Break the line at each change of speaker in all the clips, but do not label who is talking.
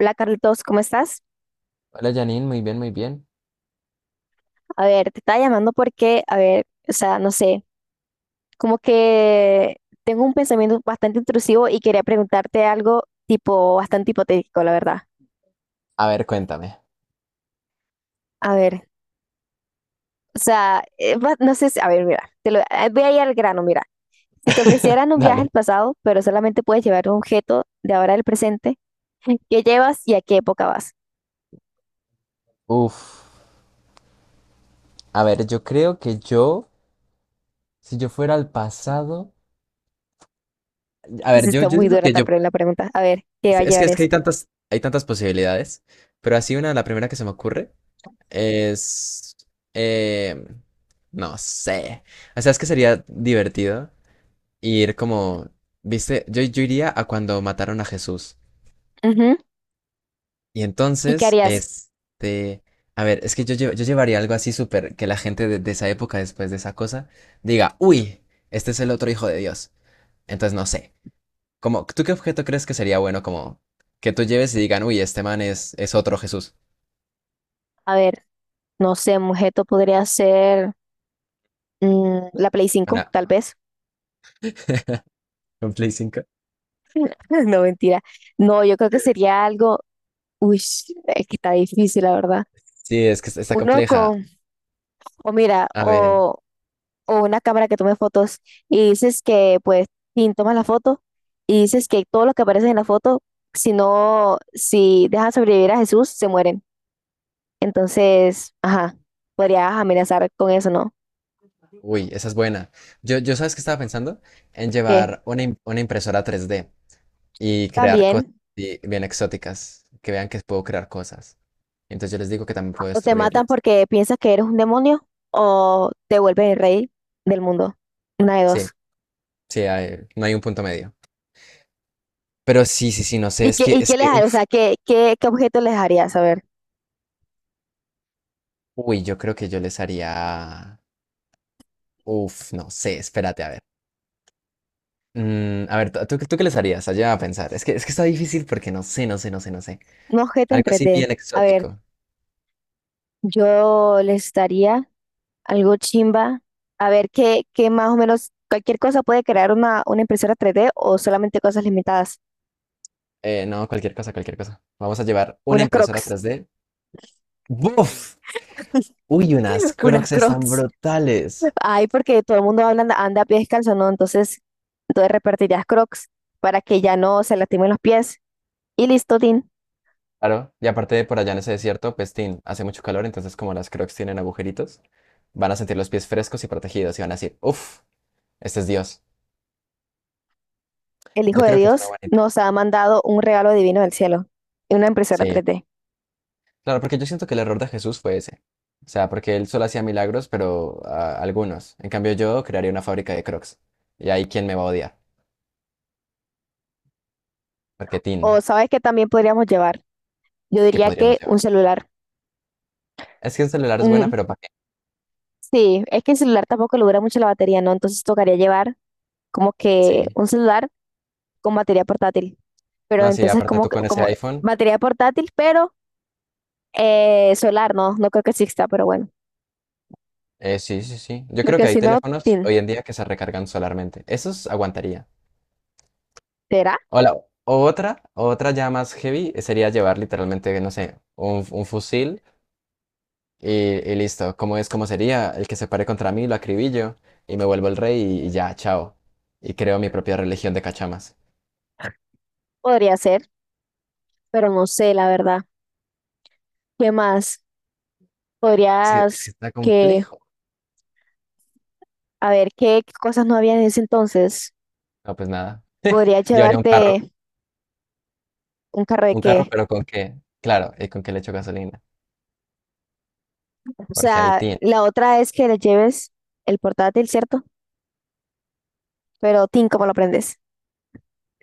Hola Carlitos, ¿cómo estás?
Hola Janine, muy bien, muy bien.
A ver, te estaba llamando porque, a ver, o sea, no sé, como que tengo un pensamiento bastante intrusivo y quería preguntarte algo tipo bastante hipotético, la verdad.
A ver, cuéntame.
A ver, o sea, no sé si, a ver, mira, voy a ir al grano, mira. Si te ofrecieran un viaje
Dale.
al pasado, pero solamente puedes llevar un objeto de ahora al presente, ¿qué llevas y a qué época vas?
Uf. A ver, yo creo que yo, si yo fuera al pasado, a
Sí,
ver, yo,
está
yo
muy
digo
dura
que
esta
yo,
pre- la pregunta. A ver, ¿qué va a
es que,
llevar
es que
eso?
hay tantas posibilidades, pero así una, la primera que se me ocurre es, eh, no sé. O sea, es que sería divertido ir como, viste, yo iría a cuando mataron a Jesús.
Ujú.
Y
¿Y qué
entonces,
harías?
este, a ver, es que yo, yo llevaría algo así súper, que la gente de esa época, después de esa cosa, diga, uy, este es el otro hijo de Dios. Entonces, no sé, como, ¿tú qué objeto crees que sería bueno como que tú lleves y digan, uy, este man es otro Jesús?
A ver, no sé, un objeto podría ser... Mm, la Play 5
Una,
tal vez.
un Play 5.
No, mentira. No, yo creo que sería algo. Uy, es que está difícil, la verdad.
Sí, es que está
Uno
compleja.
con, o mira,
A ver,
o una cámara que tome fotos y dices que, pues, sin tomas la foto y dices que todos los que aparecen en la foto, si no, si dejan sobrevivir a Jesús, se mueren. Entonces, ajá, podrías amenazar con eso, ¿no?
uy, esa es buena. Yo, ¿sabes qué estaba pensando? En
Que
llevar una impresora 3D. Y crear cosas
también.
así bien exóticas, que vean que puedo crear cosas. Entonces yo les digo que también puedo
O te matan
destruirles.
porque piensas que eres un demonio o te vuelves el rey del mundo. Una de
Sí,
dos.
sí, no hay un punto medio. Pero sí, sí, sí, no sé, es que,
Y
es
qué les
que,
haría? O
uff,
sea, ¿qué, qué, qué objeto les harías? A ver,
uy, yo creo que yo les haría, uff, no sé, espérate, a ver. Mm, a ver, ¿tú qué les harías? Allá a pensar. Es que está difícil porque no sé, no sé, no sé, no sé.
un objeto en
Algo así
3D.
bien
A ver,
exótico.
yo les daría algo chimba. A ver, ¿qué, qué más o menos, cualquier cosa puede crear una impresora 3D o solamente cosas limitadas?
No, cualquier cosa, cualquier cosa. Vamos a llevar una
Unas
impresora
crocs,
3D. ¡Buf! Uy, unas
unas
Crocs están
crocs.
brutales.
Ay, porque todo el mundo anda a pie descalzo, ¿no? Entonces, entonces repartirías crocs para que ya no se lastimen los pies. Y listo, Tin.
Claro, y aparte de por allá en ese desierto, Pestín, hace mucho calor, entonces como las Crocs tienen agujeritos, van a sentir los pies frescos y protegidos y van a decir, ¡uf! Este es Dios.
El Hijo
Yo
de
creo que es una
Dios
buena idea.
nos ha mandado un regalo divino del cielo, una impresora
Sí,
tres d.
claro, porque yo siento que el error de Jesús fue ese. O sea, porque él solo hacía milagros, pero ah, algunos. En cambio, yo crearía una fábrica de Crocs. Y ahí, ¿quién me va a odiar? Porque Tin,
O sabes que también podríamos llevar, yo
¿qué
diría
podríamos
que
llevar?
un celular.
Es que el celular es
Mm,
buena, pero para.
sí, es que el celular tampoco le dura mucho la batería, ¿no? Entonces tocaría llevar como que
Sí,
un celular con batería portátil. Pero
no, sí,
entonces
aparte
como,
tú
que-
con ese
como
iPhone,
batería portátil, pero solar, no, no creo que exista, pero bueno.
sí, sí, sí. Yo creo
Porque
que hay
si no,
teléfonos
tin,
hoy en día que se recargan solarmente. Esos aguantaría.
¿será?
O la- o otra, o otra ya más heavy sería llevar literalmente, no sé, un fusil y, y listo. ¿Como es, como sería? El que se pare contra mí, lo acribillo y me vuelvo el rey y ya, chao. Y creo mi propia religión de cachamas.
Podría ser, pero no sé, la verdad. ¿Qué más?
Es que, es
Podrías
que está
que...
complejo.
A ver, ¿qué cosas no había en ese entonces?
No, pues nada.
Podría
Llevaría
llevarte un carro de
un carro,
qué.
pero ¿con qué? Claro, ¿y con qué le echo gasolina?
O
Porque ahí
sea,
tiene.
la otra es que le lleves el portátil, ¿cierto? Pero, Tim, ¿cómo lo prendes?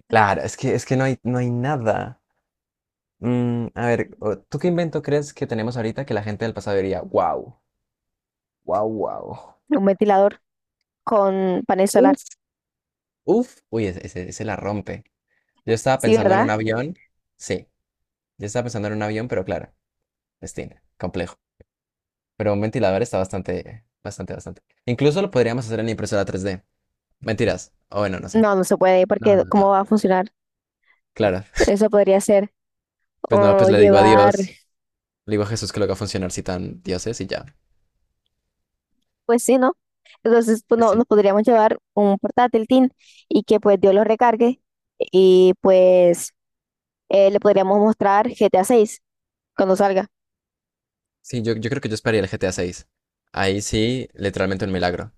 Claro, es que no hay, no hay nada. Mm, a ver, ¿tú qué invento crees que tenemos ahorita que la gente del pasado diría, wow, wow, wow?
Un ventilador con panel solar.
Uf, uf. Uy, ese la rompe. Yo estaba
Sí,
pensando en un
¿verdad?
avión. Sí, yo estaba pensando en un avión, pero claro, destino, complejo. Pero un ventilador está bastante, bastante, bastante. Incluso lo podríamos hacer en impresora 3D. Mentiras. O bueno, no sé.
No, no se puede,
No,
porque
no,
¿cómo
no.
va a funcionar?
Claro.
Eso podría ser.
Pues no,
O
pues le digo a
llevar,
Dios, le digo a Jesús que lo haga funcionar si tan dioses y ya.
pues sí, ¿no? Entonces, pues,
Pues
no, nos
sí.
podríamos llevar un portátil, tin, y que pues Dios lo recargue y pues le podríamos mostrar GTA seis cuando salga.
Sí, yo creo que yo esperaría el GTA 6. Ahí sí, literalmente un milagro.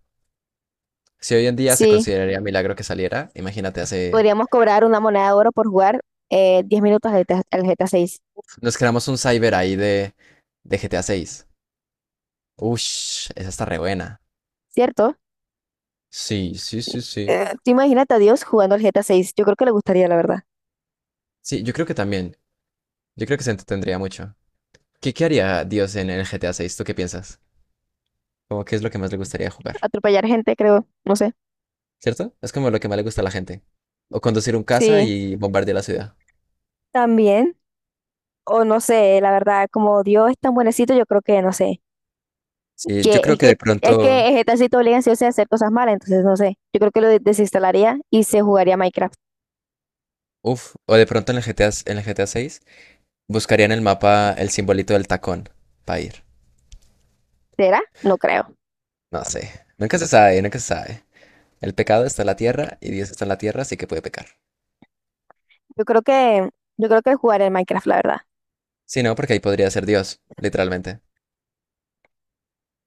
Si hoy en día se
Sí,
consideraría milagro que saliera, imagínate, hace.
podríamos cobrar una moneda de oro por jugar 10 minutos al GTA, al GTA 6,
Nos creamos un cyber ahí de GTA 6. Ush, esa está re buena.
¿cierto?
Sí, sí, sí, sí.
Tú imagínate a Dios jugando al GTA 6. Yo creo que le gustaría, la verdad.
Sí, yo creo que también. Yo creo que se entretendría mucho. ¿Qué haría Dios en el GTA 6? ¿Tú qué piensas? Como qué es lo que más le gustaría jugar,
Atropellar gente, creo. No sé.
¿cierto? Es como lo que más le gusta a la gente. O conducir un caza
Sí,
y bombardear la ciudad.
también. O no sé, la verdad, como Dios es tan buenecito, yo creo que, no sé.
Sí, yo
Que
creo
es
que de
que es que
pronto.
el GTA sí te obliga sí o sí a hacer cosas malas, entonces no sé. Yo creo que lo desinstalaría y se jugaría Minecraft.
Uf, o de pronto en el GTA, en el GTA 6. Buscaría en el mapa el simbolito del tacón para ir.
¿Será? No creo.
No sé. Nunca se sabe, nunca se sabe. El pecado está en la tierra y Dios está en la tierra, así que puede pecar.
Yo creo que, yo creo que jugaría el Minecraft, la verdad.
Si no, porque ahí podría ser Dios, literalmente.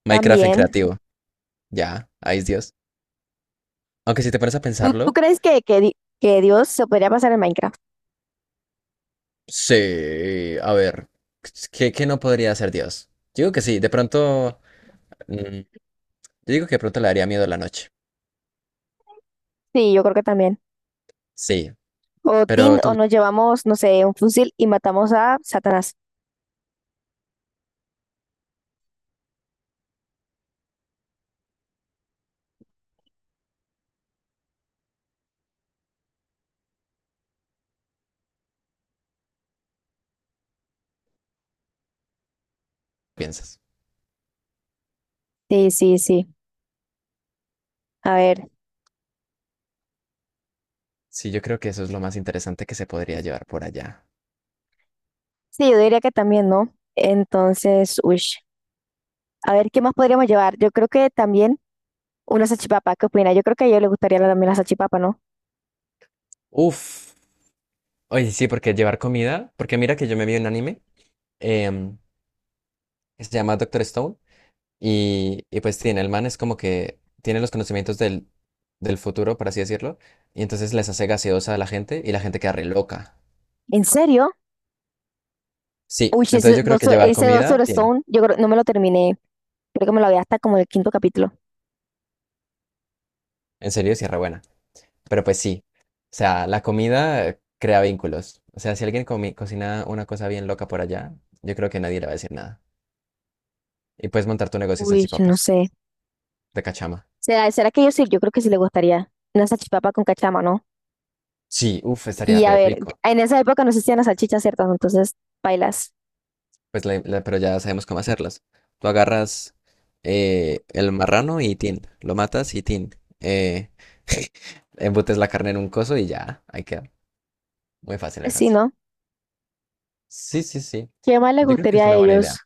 Minecraft en
También.
creativo. Ya, ahí es Dios. Aunque si te pones a
¿Tú, tú
pensarlo,
crees que, que que Dios se podría pasar en Minecraft?
sí, a ver, ¿qué no podría ser Dios? Yo digo que sí, de pronto, mm, yo digo que de pronto le daría miedo a la noche.
Sí, yo creo que también.
Sí,
O Tin,
pero
o
tú
nos llevamos, no sé, un fusil y matamos a Satanás.
piensas.
Sí, sí, sí. A ver.
Sí, yo creo que eso es lo más interesante que se podría llevar por allá.
Sí, yo diría que también, ¿no? Entonces, uy. A ver, ¿qué más podríamos llevar? Yo creo que también una salchipapa. ¿Qué opina? Yo creo que a ellos les gustaría también la salchipapa, ¿no?
Uf. Oye, sí, porque llevar comida, porque mira que yo me vi un anime em, que se llama Doctor Stone y pues tiene, el man es como que tiene los conocimientos del futuro, por así decirlo, y entonces les hace gaseosa a la gente y la gente queda re loca.
¿En serio?
Sí,
Uy,
entonces yo creo que llevar
Ese Doctor
comida tiene,
Stone, yo creo, no me lo terminé. Creo que me lo había hasta como el quinto capítulo.
en serio, sí es re buena, pero pues sí, o sea, la comida crea vínculos, o sea, si alguien cocina una cosa bien loca por allá, yo creo que nadie le va a decir nada. Y puedes montar tu negocio de
Uy, no
salchipapas,
sé.
de cachama.
¿Será, será que yo sí? Yo creo que sí le gustaría. Una salchipapa con cachama, ¿no?
Sí, uff, estaría
Y a
re
ver,
rico.
en esa época no existían las salchichas, ¿cierto? Entonces, bailas.
Pues pero ya sabemos cómo hacerlas. Tú agarras el marrano y tin, lo matas y tin. Embutes la carne en un coso y ya, ahí queda. Muy fácil, muy
Pues sí,
fácil.
¿no?
Sí, sí, sí.
¿Qué más les
Yo creo que
gustaría
es
a
una buena
ellos?
idea.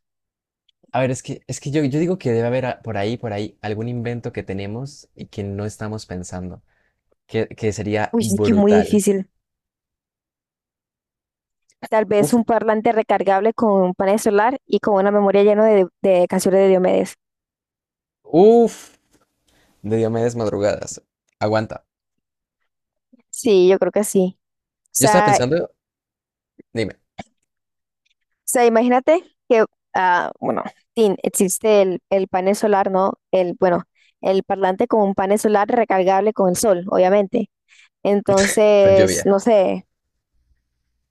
A ver, es que yo, digo que debe haber por ahí, algún invento que tenemos y que no estamos pensando, que sería
Uy, es que muy
brutal.
difícil. Tal vez
Uf,
un parlante recargable con un panel solar y con una memoria llena de canciones de Diomedes.
uf, de Diomedes Madrugadas. Aguanta.
Sí, yo creo que sí.
Yo estaba
O
pensando, dime,
sea, imagínate que, ah, bueno, existe el panel solar, ¿no? El, bueno, el parlante con un panel solar recargable con el sol, obviamente.
con
Entonces,
lluvia.
no sé,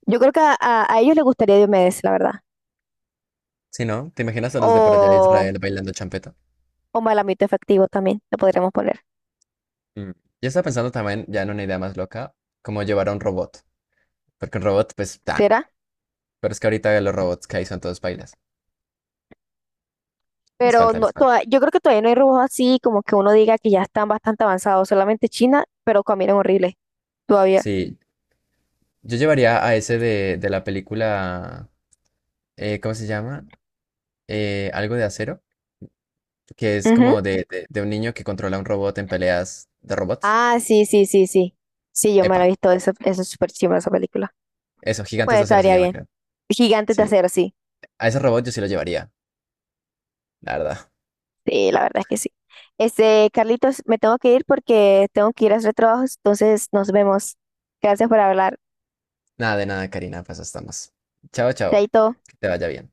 yo creo que a a ellos les gustaría Diomedes, la verdad.
Sí, ¿no? ¿Te imaginas a los de por allá de
O,
Israel bailando champeta?
o Malamito Efectivo también, lo podríamos poner.
Mm. Yo estaba pensando también, ya en una idea más loca, como llevar a un robot. Porque un robot, pues, tan.
¿Será?
Pero es que ahorita los robots que hay son todos bailas. Les
Pero
falta,
no,
les falta.
yo creo que todavía no hay robots así, como que uno diga que ya están bastante avanzados, solamente China, pero caminan horrible todavía.
Sí, yo llevaría a ese de la película, ¿cómo se llama? Algo de acero, que es
Ujú.
como de un niño que controla un robot en peleas de robots.
Ah, sí, sí, sí, sí. Sí, yo me la he
Epa,
visto, eso es súper chimba esa película.
eso, Gigantes
Pues
de Acero se
estaría
llama,
bien.
creo.
Gigantes de
Sí,
Acero, sí.
a ese robot yo sí lo llevaría, la verdad.
Sí, la verdad es que sí. Este, Carlitos, me tengo que ir porque tengo que ir a hacer trabajos, entonces nos vemos. Gracias por hablar.
Nada de nada, Karina, pues estamos. Chao, chao,
Chaito.
que te vaya bien.